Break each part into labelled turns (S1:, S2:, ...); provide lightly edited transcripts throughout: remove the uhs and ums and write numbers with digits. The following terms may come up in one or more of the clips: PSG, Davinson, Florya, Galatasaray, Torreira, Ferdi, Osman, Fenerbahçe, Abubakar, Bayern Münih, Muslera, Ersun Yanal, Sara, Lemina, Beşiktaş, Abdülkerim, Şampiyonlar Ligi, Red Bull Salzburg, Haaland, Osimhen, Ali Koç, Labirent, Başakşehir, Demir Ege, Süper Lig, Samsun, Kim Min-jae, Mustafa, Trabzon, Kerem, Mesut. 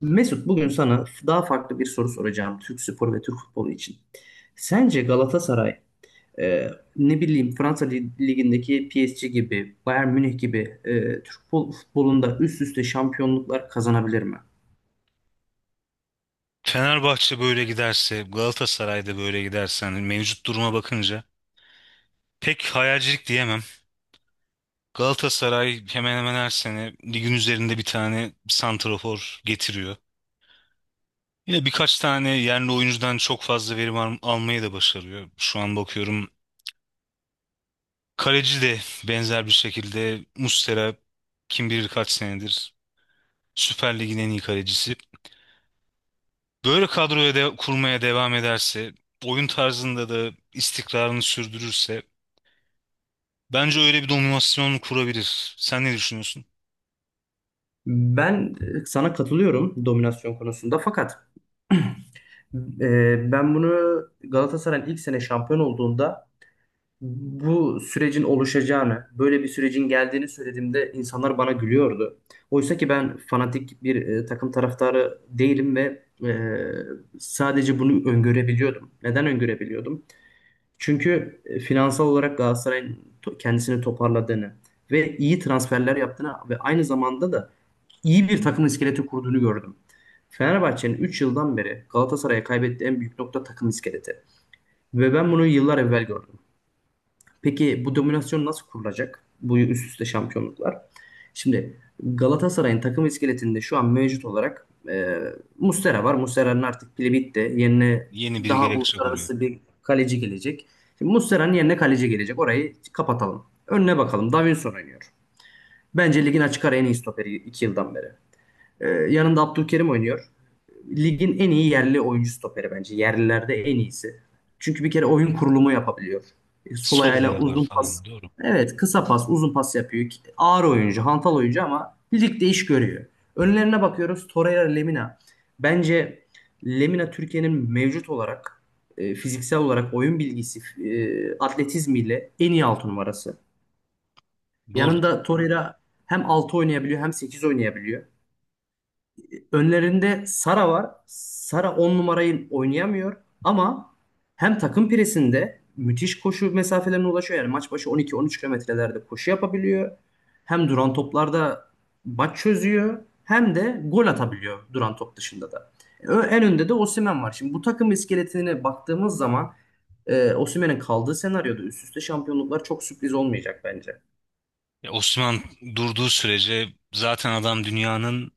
S1: Mesut bugün sana daha farklı bir soru soracağım Türk sporu ve Türk futbolu için. Sence Galatasaray e, ne bileyim Fransa Ligi'ndeki PSG gibi, Bayern Münih gibi Türk futbolunda üst üste şampiyonluklar kazanabilir mi?
S2: Fenerbahçe böyle giderse, Galatasaray'da böyle giderse hani mevcut duruma bakınca pek hayalcilik diyemem. Galatasaray hemen hemen her sene ligin üzerinde bir tane santrafor getiriyor. Yine birkaç tane yerli oyuncudan çok fazla verim almayı da başarıyor. Şu an bakıyorum kaleci de benzer bir şekilde Muslera kim bilir kaç senedir Süper Lig'in en iyi kalecisi. Böyle kadroya de kurmaya devam ederse, oyun tarzında da istikrarını sürdürürse bence öyle bir dominasyon kurabilir. Sen ne düşünüyorsun?
S1: Ben sana katılıyorum dominasyon konusunda fakat ben bunu Galatasaray'ın ilk sene şampiyon olduğunda bu sürecin oluşacağını, böyle bir sürecin geldiğini söylediğimde insanlar bana gülüyordu. Oysa ki ben fanatik bir takım taraftarı değilim ve sadece bunu öngörebiliyordum. Neden öngörebiliyordum? Çünkü finansal olarak Galatasaray'ın kendisini toparladığını ve iyi transferler yaptığını ve aynı zamanda da iyi bir takım iskeleti kurduğunu gördüm. Fenerbahçe'nin 3 yıldan beri Galatasaray'a kaybettiği en büyük nokta takım iskeleti. Ve ben bunu yıllar evvel gördüm. Peki bu dominasyon nasıl kurulacak? Bu üst üste şampiyonluklar. Şimdi Galatasaray'ın takım iskeletinde şu an mevcut olarak Muslera var. Muslera'nın artık pili bitti. Yerine
S2: Yeni biri
S1: daha
S2: gerekecek orayı.
S1: uluslararası bir kaleci gelecek. Şimdi Muslera'nın yerine kaleci gelecek. Orayı kapatalım. Önüne bakalım. Davinson oynuyor. Bence ligin açık ara en iyi stoperi 2 yıldan beri. Yanında Abdülkerim oynuyor. Ligin en iyi yerli oyuncu stoperi bence. Yerlilerde en iyisi. Çünkü bir kere oyun kurulumu yapabiliyor. Sol ayağıyla
S2: Solaya var
S1: uzun pas.
S2: falan. Doğru.
S1: Evet, kısa pas, uzun pas yapıyor. Ağır oyuncu, hantal oyuncu ama ligde iş görüyor. Önlerine bakıyoruz. Torreira, Lemina. Bence Lemina Türkiye'nin mevcut olarak fiziksel olarak oyun bilgisi, atletizmiyle en iyi 6 numarası.
S2: Doğrudur.
S1: Yanında Torreira hem 6 oynayabiliyor hem 8 oynayabiliyor önlerinde Sara var. Sara 10 numarayı oynayamıyor ama hem takım presinde müthiş koşu mesafelerine ulaşıyor. Yani maç başı 12-13 kilometrelerde koşu yapabiliyor. Hem duran toplarda maç çözüyor hem de gol atabiliyor duran top dışında da. En önde de Osimhen var. Şimdi bu takım iskeletine baktığımız zaman Osimhen'in kaldığı senaryoda üst üste şampiyonluklar çok sürpriz olmayacak bence.
S2: Ya Osman durduğu sürece zaten adam dünyanın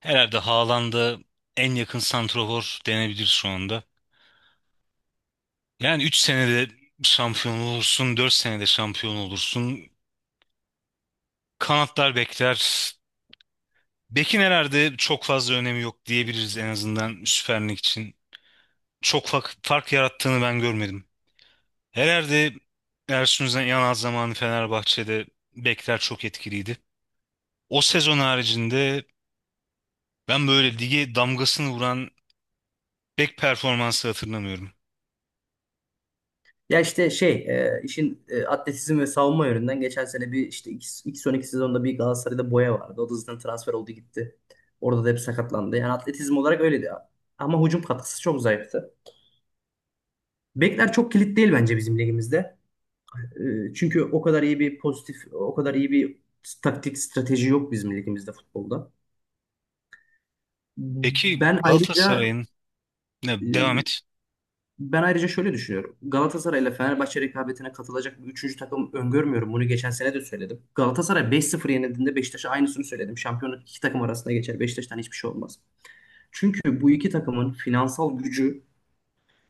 S2: herhalde Haaland'a en yakın santrafor denebilir şu anda. Yani 3 senede şampiyon olursun, 4 senede şampiyon olursun. Kanatlar bekler. Bekin herhalde çok fazla önemi yok diyebiliriz en azından Süper Lig için. Çok fark yarattığını ben görmedim. Herhalde Ersun Yanal zamanı Fenerbahçe'de bekler çok etkiliydi. O sezon haricinde ben böyle lige damgasını vuran bek performansı hatırlamıyorum.
S1: Ya işte şey işin atletizm ve savunma yönünden geçen sene bir işte iki ilk son iki sezonda bir Galatasaray'da Boya vardı. O da zaten transfer oldu gitti. Orada da hep sakatlandı. Yani atletizm olarak öyleydi. Ama hücum katkısı çok zayıftı. Bekler çok kilit değil bence bizim ligimizde. Çünkü o kadar iyi bir pozitif, o kadar iyi bir taktik strateji yok bizim ligimizde futbolda.
S2: Peki
S1: Ben ayrıca
S2: Galatasaray'ın ne devam
S1: e,
S2: et.
S1: Ben ayrıca şöyle düşünüyorum. Galatasaray ile Fenerbahçe rekabetine katılacak bir üçüncü takım öngörmüyorum. Bunu geçen sene de söyledim. Galatasaray 5-0 yenildiğinde Beşiktaş'a aynısını söyledim. Şampiyonluk iki takım arasında geçer. Beşiktaş'tan hiçbir şey olmaz. Çünkü bu iki takımın finansal gücü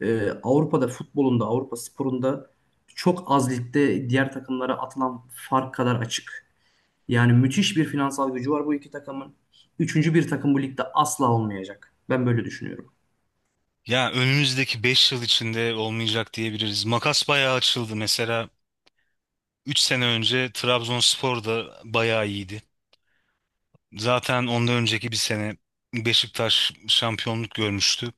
S1: Avrupa'da futbolunda, Avrupa sporunda çok az ligde diğer takımlara atılan fark kadar açık. Yani müthiş bir finansal gücü var bu iki takımın. Üçüncü bir takım bu ligde asla olmayacak. Ben böyle düşünüyorum.
S2: Ya önümüzdeki 5 yıl içinde olmayacak diyebiliriz. Makas bayağı açıldı. Mesela 3 sene önce Trabzonspor da bayağı iyiydi. Zaten ondan önceki bir sene Beşiktaş şampiyonluk görmüştü.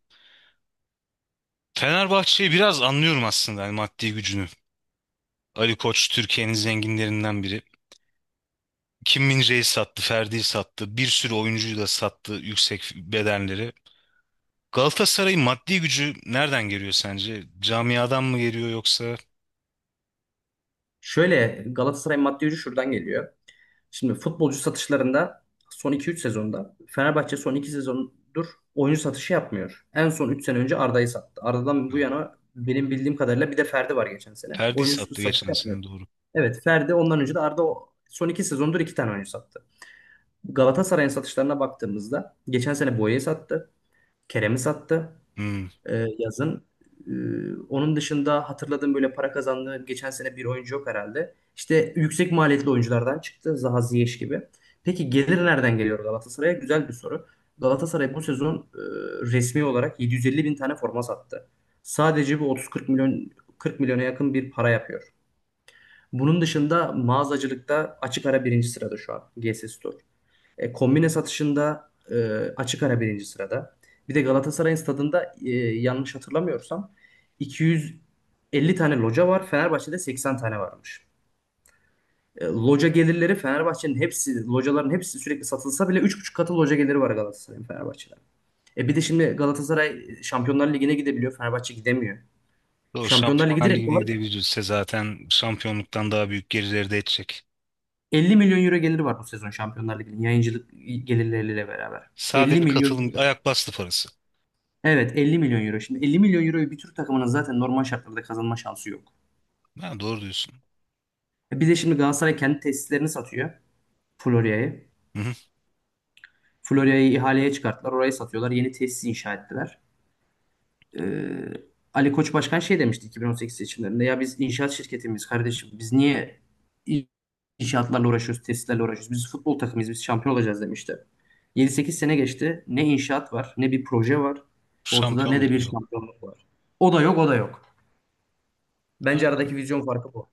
S2: Fenerbahçe'yi biraz anlıyorum aslında yani maddi gücünü. Ali Koç Türkiye'nin zenginlerinden biri. Kim Min-jae'yi sattı, Ferdi'yi sattı, bir sürü oyuncuyu da sattı yüksek bedelleri. Galatasaray'ın maddi gücü nereden geliyor sence? Camiadan mı geliyor yoksa?
S1: Şöyle Galatasaray maddi gücü şuradan geliyor. Şimdi futbolcu satışlarında son iki üç sezonda Fenerbahçe son iki sezondur oyuncu satışı yapmıyor. En son 3 sene önce Arda'yı sattı. Arda'dan bu yana benim bildiğim kadarıyla bir de Ferdi var geçen sene.
S2: Ferdi'yi
S1: Oyuncu
S2: sattı
S1: satışı
S2: geçen
S1: yapmıyor.
S2: sene, doğru.
S1: Evet Ferdi ondan önce de Arda son 2 sezondur 2 tane oyuncu sattı. Galatasaray'ın satışlarına baktığımızda geçen sene Boya'yı sattı. Kerem'i sattı
S2: Hmm.
S1: yazın. E, Onun dışında hatırladığım böyle para kazandığı geçen sene bir oyuncu yok herhalde. İşte yüksek maliyetli oyunculardan çıktı Zaha Ziyech gibi. Peki gelir nereden geliyor Galatasaray'a? Güzel bir soru. Galatasaray bu sezon resmi olarak 750 bin tane forma sattı. Sadece bu 30-40 milyon 40 milyona yakın bir para yapıyor. Bunun dışında mağazacılıkta açık ara birinci sırada şu an G S Store. Kombine satışında açık ara birinci sırada. Bir de Galatasaray'ın stadında yanlış hatırlamıyorsam 250 tane loca var. Fenerbahçe'de 80 tane varmış. Loca gelirleri Fenerbahçe'nin hepsi, locaların hepsi sürekli satılsa bile 3,5 katı loca geliri var Galatasaray'ın Fenerbahçe'den. Bir de şimdi Galatasaray Şampiyonlar Ligi'ne gidebiliyor. Fenerbahçe gidemiyor.
S2: Doğru,
S1: Şampiyonlar Ligi
S2: Şampiyonlar
S1: direkt
S2: Ligi'ne
S1: olarak
S2: gidebilirse zaten şampiyonluktan daha büyük gerilerde edecek.
S1: 50 milyon euro geliri var bu sezon Şampiyonlar Ligi'nin yayıncılık gelirleriyle beraber.
S2: Sadece
S1: 50
S2: bir
S1: milyon
S2: katılım
S1: euro.
S2: ayak bastı parası.
S1: Evet 50 milyon euro. Şimdi 50 milyon euroyu bir Türk takımının zaten normal şartlarda kazanma şansı yok.
S2: Ha, doğru diyorsun.
S1: Bir de şimdi Galatasaray kendi tesislerini satıyor. Florya'yı.
S2: Hı hı.
S1: Florya'yı ihaleye çıkarttılar. Orayı satıyorlar. Yeni tesis inşa ettiler. Ee, Ali Koç Başkan şey demişti 2018 seçimlerinde. Ya biz inşaat şirketimiz kardeşim. Biz niye in- inşaatlarla uğraşıyoruz, tesislerle uğraşıyoruz? Biz futbol takımıyız. Biz şampiyon olacağız demişti. 7-8 sene geçti. Ne inşaat var, ne bir proje var. Ortada ne de
S2: Şampiyonluk
S1: bir
S2: da yok.
S1: şampiyonluk var. O da yok, o da yok. Bence aradaki vizyon farkı bu.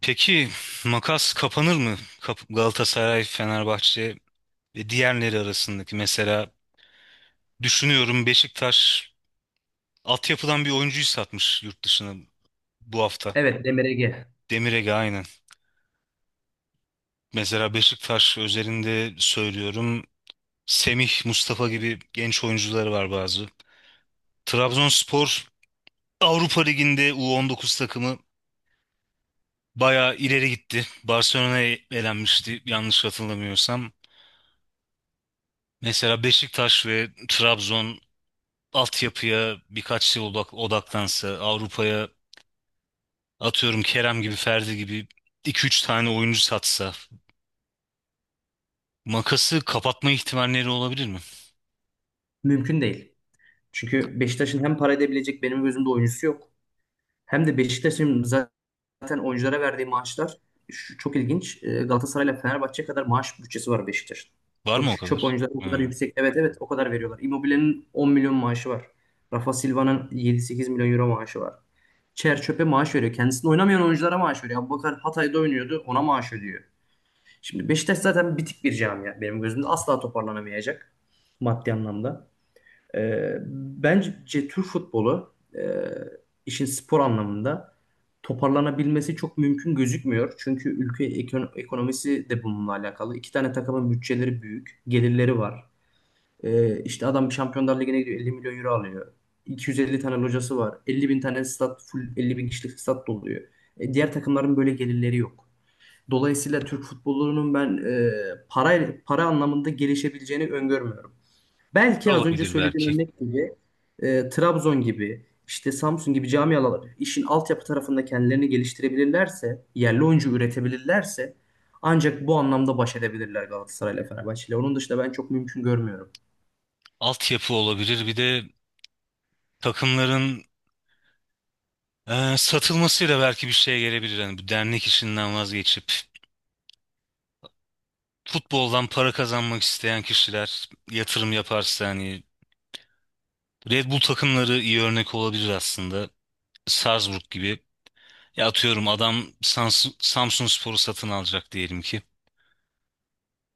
S2: Peki makas kapanır mı? Galatasaray, Fenerbahçe ve diğerleri arasındaki mesela düşünüyorum Beşiktaş altyapıdan bir oyuncuyu satmış yurt dışına bu hafta.
S1: Evet Demir Ege.
S2: Demir Ege aynen. Mesela Beşiktaş özelinde söylüyorum Semih, Mustafa gibi genç oyuncuları var bazı. Trabzonspor Avrupa Ligi'nde U19 takımı bayağı ileri gitti. Barcelona'ya elenmişti yanlış hatırlamıyorsam. Mesela Beşiktaş ve Trabzon altyapıya birkaç yıl odaklansa, Avrupa'ya atıyorum Kerem gibi, Ferdi gibi 2 3 tane oyuncu satsa makası kapatma ihtimalleri olabilir mi?
S1: Mümkün değil. Çünkü Beşiktaş'ın hem para edebilecek benim gözümde oyuncusu yok. Hem de Beşiktaş'ın zaten oyunculara verdiği maaşlar çok ilginç. Galatasaray'la Fenerbahçe kadar maaş bütçesi var Beşiktaş'ın.
S2: Var
S1: O
S2: mı o
S1: çöp
S2: kadar?
S1: oyuncular o kadar
S2: Hmm.
S1: yüksek. Evet evet o kadar veriyorlar. Immobile'nin 10 milyon maaşı var. Rafa Silva'nın 7-8 milyon euro maaşı var. Çer çöpe maaş veriyor. Kendisini oynamayan oyunculara maaş veriyor. Abubakar Hatay'da oynuyordu. Ona maaş ödüyor. Şimdi Beşiktaş zaten bitik bir camia benim gözümde. Asla toparlanamayacak maddi anlamda. Bence Türk futbolu işin spor anlamında toparlanabilmesi çok mümkün gözükmüyor. Çünkü ülke ekonomisi de bununla alakalı. İki tane takımın bütçeleri büyük, gelirleri var. İşte adam Şampiyonlar Ligi'ne gidiyor 50 milyon euro alıyor. 250 tane locası var. 50 bin tane stat, full 50 bin kişilik stat doluyor. Diğer takımların böyle gelirleri yok. Dolayısıyla Türk futbolunun ben para anlamında gelişebileceğini öngörmüyorum. Belki az önce
S2: Olabilir
S1: söylediğim
S2: belki.
S1: örnek gibi Trabzon gibi işte Samsun gibi camialar işin altyapı tarafında kendilerini geliştirebilirlerse, yerli oyuncu üretebilirlerse ancak bu anlamda baş edebilirler Galatasaray ile Fenerbahçe ile. Onun dışında ben çok mümkün görmüyorum.
S2: Altyapı olabilir. Bir de takımların satılmasıyla belki bir şeye gelebilir. Yani bu dernek işinden vazgeçip futboldan para kazanmak isteyen kişiler yatırım yaparsa hani Red Bull takımları iyi örnek olabilir aslında. Salzburg gibi. Ya atıyorum adam Samsunspor'u satın alacak diyelim ki.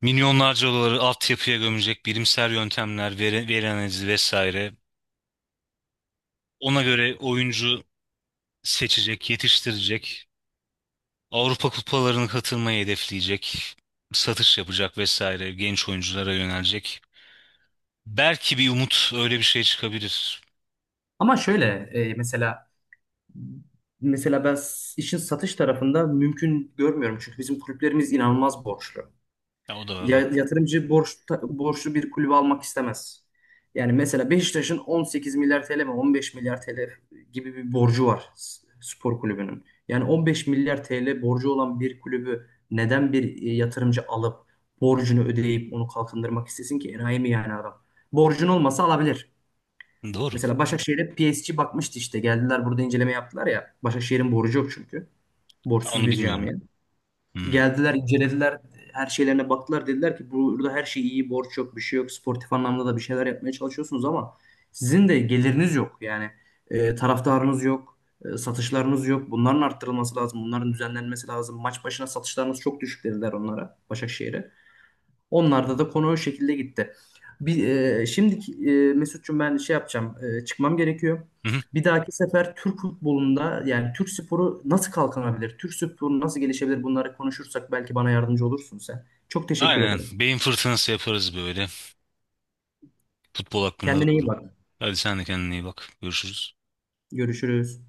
S2: Milyonlarca doları altyapıya gömecek bilimsel yöntemler, veri analizi vesaire. Ona göre oyuncu seçecek, yetiştirecek. Avrupa kupalarına katılmayı hedefleyecek. Satış yapacak vesaire. Genç oyunculara yönelecek. Belki bir umut öyle bir şey çıkabilir.
S1: Ama şöyle e, mesela mesela ben işin satış tarafında mümkün görmüyorum. Çünkü bizim kulüplerimiz inanılmaz borçlu.
S2: Ya, o da var. Doğru.
S1: Yatırımcı borçlu bir kulübe almak istemez. Yani mesela Beşiktaş'ın 18 milyar TL mi 15 milyar TL gibi bir borcu var spor kulübünün. Yani 15 milyar TL borcu olan bir kulübü neden bir yatırımcı alıp borcunu ödeyip onu kalkındırmak istesin ki? Enayi mi yani adam? Borcun olmasa alabilir.
S2: Doğru.
S1: Mesela Başakşehir'e PSG bakmıştı işte. Geldiler burada inceleme yaptılar ya. Başakşehir'in borcu yok çünkü. Borçsuz
S2: Onu
S1: bir
S2: bilmiyordum.
S1: camia.
S2: Hmm.
S1: Geldiler, incelediler, her şeylerine baktılar. Dediler ki burada her şey iyi, borç yok, bir şey yok. Sportif anlamda da bir şeyler yapmaya çalışıyorsunuz ama sizin de geliriniz yok. Yani taraftarınız yok, satışlarınız yok. Bunların arttırılması lazım, bunların düzenlenmesi lazım. Maç başına satışlarınız çok düşük dediler onlara, Başakşehir'e. Onlarda da konu o şekilde gitti. Bir, e, şimdiki e, Mesut'cum ben şey yapacağım. Çıkmam gerekiyor.
S2: Hı hı.
S1: Bir dahaki sefer Türk futbolunda yani Türk sporu nasıl kalkınabilir? Türk sporu nasıl gelişebilir? Bunları konuşursak belki bana yardımcı olursun sen. Çok teşekkür
S2: Aynen.
S1: ederim.
S2: Beyin fırtınası yaparız böyle. Futbol hakkında
S1: Kendine iyi
S2: doğru.
S1: bak.
S2: Hadi sen de kendine iyi bak. Görüşürüz.
S1: Görüşürüz.